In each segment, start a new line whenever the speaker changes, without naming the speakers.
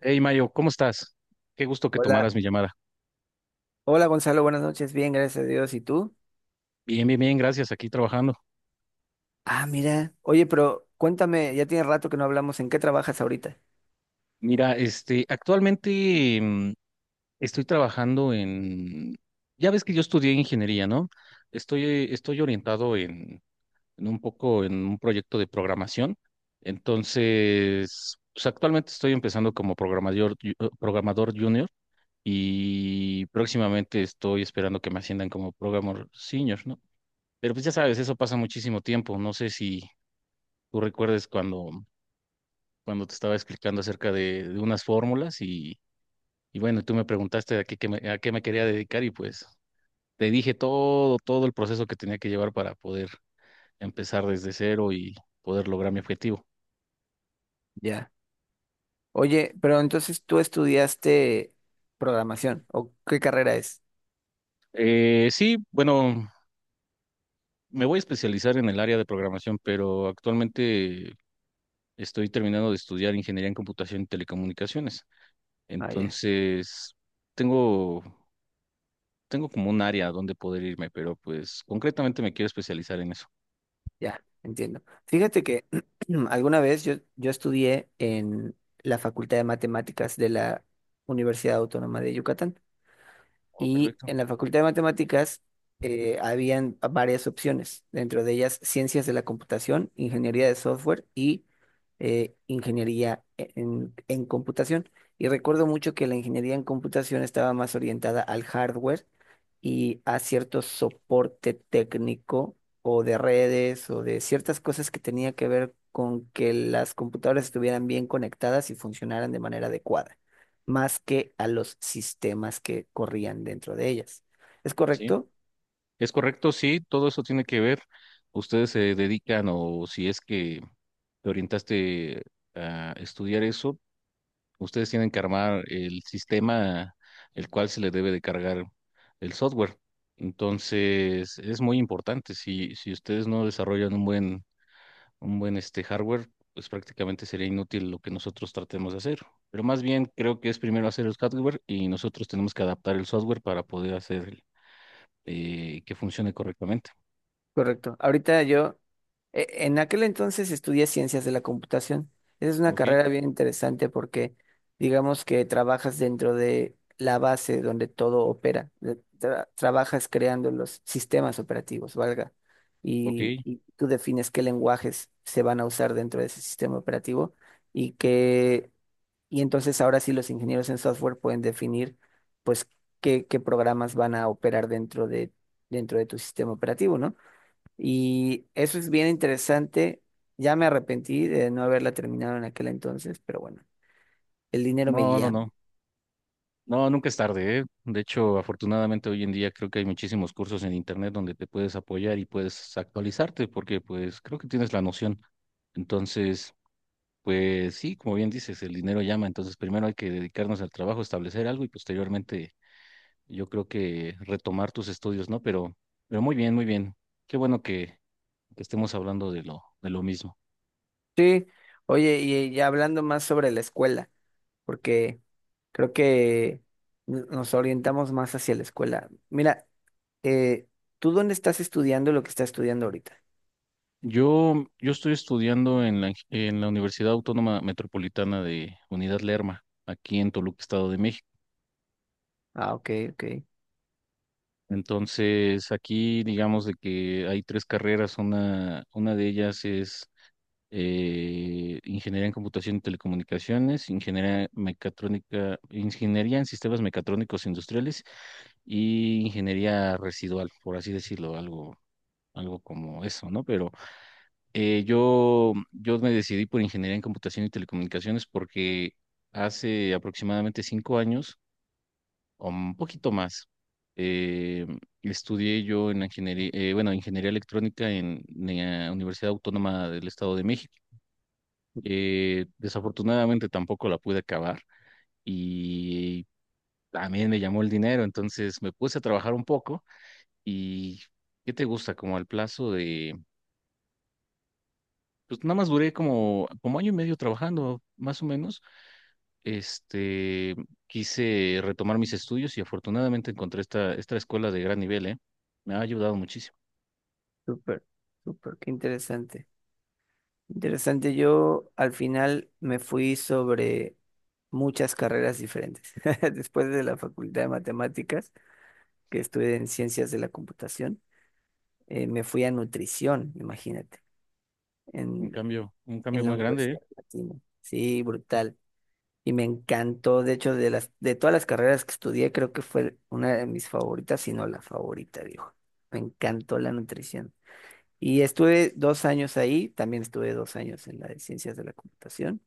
Hey Mayo, ¿cómo estás? Qué gusto que
Hola,
tomaras mi llamada.
hola Gonzalo, buenas noches, bien, gracias a Dios. ¿Y tú?
Bien, bien, bien, gracias, aquí trabajando.
Ah, mira. Oye, pero cuéntame, ya tiene rato que no hablamos, ¿en qué trabajas ahorita?
Mira, este, actualmente estoy trabajando en, ya ves que yo estudié ingeniería, ¿no? Estoy orientado en un poco en un proyecto de programación. Entonces, pues actualmente estoy empezando como programador, programador junior y próximamente estoy esperando que me asciendan como programador senior, ¿no? Pero pues ya sabes, eso pasa muchísimo tiempo. No sé si tú recuerdes cuando te estaba explicando acerca de unas fórmulas y bueno, tú me preguntaste a qué me quería dedicar y pues te dije todo, todo el proceso que tenía que llevar para poder empezar desde cero y poder lograr mi objetivo.
Ya. Oye, pero entonces tú estudiaste programación, ¿o qué carrera es?
Sí, bueno, me voy a especializar en el área de programación, pero actualmente estoy terminando de estudiar ingeniería en computación y telecomunicaciones.
Ah, ya,
Entonces, tengo, tengo como un área donde poder irme, pero pues concretamente me quiero especializar en eso.
ya, entiendo. Fíjate que alguna vez yo estudié en la Facultad de Matemáticas de la Universidad Autónoma de Yucatán.
Oh,
Y
perfecto.
en la Facultad de Matemáticas habían varias opciones, dentro de ellas ciencias de la computación, ingeniería de software y en computación. Y recuerdo mucho que la ingeniería en computación estaba más orientada al hardware y a cierto soporte técnico o de redes o de ciertas cosas que tenía que ver con que las computadoras estuvieran bien conectadas y funcionaran de manera adecuada más que a los sistemas que corrían dentro de ellas. ¿Es
Sí,
correcto?
es correcto, sí, todo eso tiene que ver. Ustedes se dedican o si es que te orientaste a estudiar eso, ustedes tienen que armar el sistema el cual se le debe de cargar el software. Entonces, es muy importante. Si ustedes no desarrollan un buen este hardware, pues prácticamente sería inútil lo que nosotros tratemos de hacer. Pero más bien creo que es primero hacer el hardware y nosotros tenemos que adaptar el software para poder hacer que funcione correctamente.
Correcto. En aquel entonces estudié ciencias de la computación. Esa es una
Ok,
carrera bien interesante porque digamos que trabajas dentro de la base donde todo opera. Trabajas creando los sistemas operativos, valga.
ok.
Y tú defines qué lenguajes se van a usar dentro de ese sistema operativo y qué. Y entonces ahora sí los ingenieros en software pueden definir pues qué, qué programas van a operar dentro de tu sistema operativo, ¿no? Y eso es bien interesante. Ya me arrepentí de no haberla terminado en aquel entonces, pero bueno, el dinero me
No, no,
guía.
no. No, nunca es tarde, ¿eh? De hecho, afortunadamente hoy en día creo que hay muchísimos cursos en internet donde te puedes apoyar y puedes actualizarte porque pues creo que tienes la noción. Entonces, pues sí, como bien dices, el dinero llama. Entonces, primero hay que dedicarnos al trabajo, establecer algo y posteriormente yo creo que retomar tus estudios, ¿no? Pero muy bien, muy bien. Qué bueno que estemos hablando de lo mismo.
Sí, oye, y ya hablando más sobre la escuela, porque creo que nos orientamos más hacia la escuela. Mira, eh, ¿tú dónde estás estudiando lo que estás estudiando ahorita?
Yo estoy estudiando en la Universidad Autónoma Metropolitana de Unidad Lerma, aquí en Toluca, Estado de México.
Ah, ok, ok.
Entonces, aquí digamos de que hay tres carreras. Una de ellas es Ingeniería en Computación y Telecomunicaciones, Ingeniería Mecatrónica, Ingeniería en Sistemas Mecatrónicos Industriales y Ingeniería Residual, por así decirlo, algo como eso, ¿no? Pero yo me decidí por ingeniería en computación y telecomunicaciones porque hace aproximadamente 5 años, o un poquito más, eh, estudié yo en la ingeniería, bueno, ingeniería electrónica en la Universidad Autónoma del Estado de México. Desafortunadamente tampoco la pude acabar y también me llamó el dinero, entonces me puse a trabajar un poco y ¿qué te gusta? Como al plazo de. Pues nada más duré como año y medio trabajando, más o menos. Este, quise retomar mis estudios y afortunadamente encontré esta escuela de gran nivel, ¿eh? Me ha ayudado muchísimo.
Súper, súper, qué interesante. Interesante, yo al final me fui sobre muchas carreras diferentes. Después de la Facultad de Matemáticas, que estudié en Ciencias de la Computación, me fui a nutrición, imagínate, en,
Un cambio
en la
muy grande, ¿eh?
Universidad Latina. Sí, brutal. Y me encantó, de hecho, de todas las carreras que estudié, creo que fue una de mis favoritas, si no la favorita, dijo. Me encantó la nutrición. Y estuve 2 años ahí, también estuve 2 años en la de ciencias de la computación.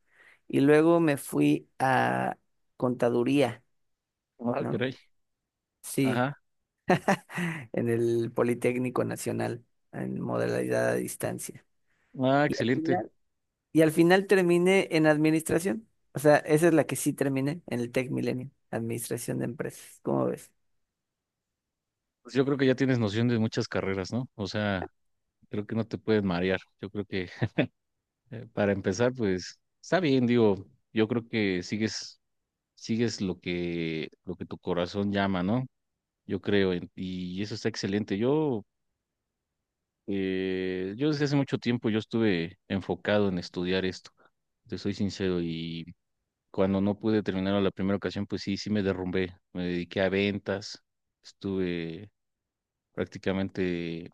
Y luego me fui a contaduría,
Ah,
¿no?
caray.
Sí,
Ajá.
en el Politécnico Nacional, en modalidad a distancia.
Ah,
Y al
excelente.
final, y al final terminé en administración. O sea, esa es la que sí terminé en el Tech Milenio, administración de empresas. ¿Cómo ves?
Pues yo creo que ya tienes noción de muchas carreras, ¿no? O sea, creo que no te puedes marear. Yo creo que para empezar, pues está bien, digo, yo creo que sigues lo que tu corazón llama, ¿no? Yo creo, y eso está excelente. Yo desde hace mucho tiempo yo estuve enfocado en estudiar esto, te soy sincero, y cuando no pude terminar a la primera ocasión, pues sí, sí me derrumbé, me dediqué a ventas, estuve prácticamente,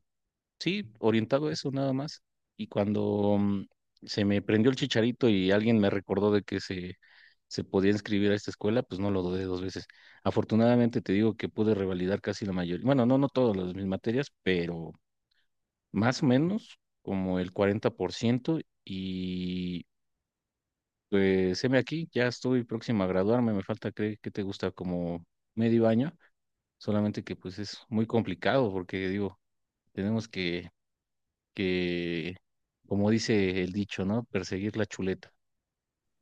sí, orientado a eso nada más. Y cuando se me prendió el chicharito y alguien me recordó de que se podía inscribir a esta escuela, pues no lo dudé dos veces. Afortunadamente te digo que pude revalidar casi la mayoría, bueno, no, no todas las, mis materias, pero más o menos como el 40% y pues heme aquí, ya estoy próximo a graduarme, me falta, creo que te gusta como medio año, solamente que pues es muy complicado porque digo, tenemos que, como dice el dicho, ¿no? Perseguir la chuleta.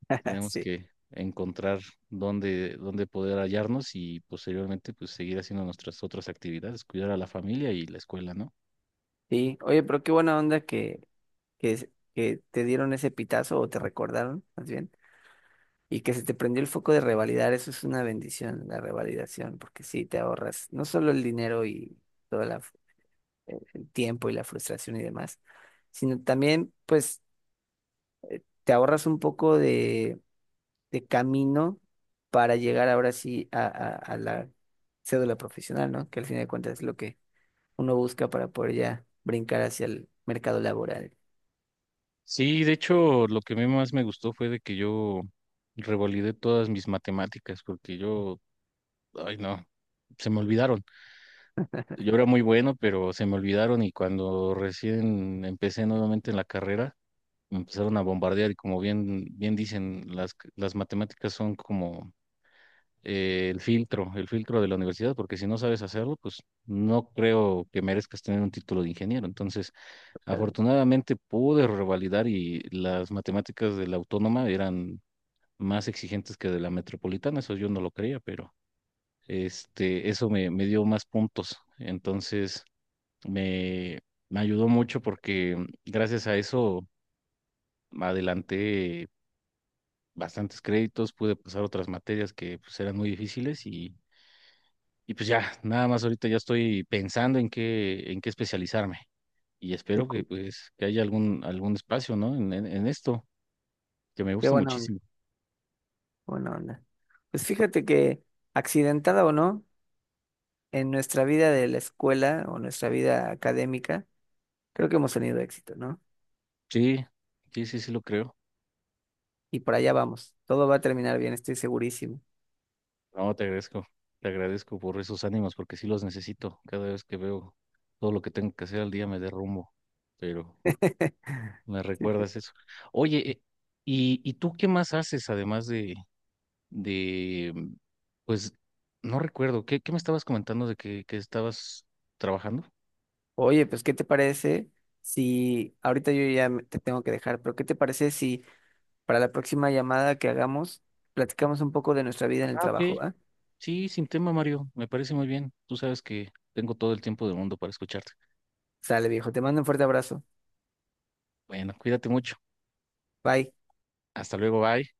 Tenemos
Sí.
que encontrar dónde poder hallarnos y posteriormente pues seguir haciendo nuestras otras actividades, cuidar a la familia y la escuela, ¿no?
Sí. Oye, pero qué buena onda que te dieron ese pitazo o te recordaron, más bien. Y que se te prendió el foco de revalidar, eso es una bendición, la revalidación, porque sí, te ahorras no solo el dinero y todo la f- el tiempo y la frustración y demás, sino también, pues, te ahorras un poco de camino para llegar ahora sí a la cédula profesional, ¿no? Que al fin de cuentas es lo que uno busca para poder ya brincar hacia el mercado laboral.
Sí, de hecho, lo que a mí más me gustó fue de que yo revalidé todas mis matemáticas porque yo, ay no, se me olvidaron. Yo era muy bueno, pero se me olvidaron y cuando recién empecé nuevamente en la carrera, empezaron a bombardear y como bien dicen, las matemáticas son como el filtro de la universidad, porque si no sabes hacerlo, pues no creo que merezcas tener un título de ingeniero. Entonces, afortunadamente pude revalidar y las matemáticas de la autónoma eran más exigentes que de la metropolitana, eso yo no lo creía, pero este, eso me dio más puntos. Entonces, me, me ayudó mucho porque gracias a eso adelanté bastantes créditos, pude pasar otras materias que pues, eran muy difíciles y pues ya, nada más ahorita ya estoy pensando en qué especializarme y
Qué
espero que
cool.
pues que haya algún espacio, ¿no? En esto, que me
Qué
gusta
buena onda,
muchísimo.
buena onda. Pues fíjate que, accidentada o no, en nuestra vida de la escuela o nuestra vida académica, creo que hemos tenido éxito, ¿no?
Sí, sí, sí, sí lo creo.
Y por allá vamos. Todo va a terminar bien, estoy segurísimo.
No, te agradezco por esos ánimos porque sí los necesito. Cada vez que veo todo lo que tengo que hacer al día me derrumbo, pero me
Sí,
recuerdas eso. Oye, ¿y tú qué más haces además de, pues, no recuerdo, ¿qué me estabas comentando de que estabas trabajando?
oye, pues, ¿qué te parece si ahorita yo te tengo que dejar? Pero ¿qué te parece si para la próxima llamada que hagamos platicamos un poco de nuestra vida en el
Ah,
trabajo,
ok.
va?
Sí, sin tema, Mario, me parece muy bien. Tú sabes que tengo todo el tiempo del mundo para escucharte.
Sale, viejo, te mando un fuerte abrazo.
Bueno, cuídate mucho.
Bye.
Hasta luego, bye.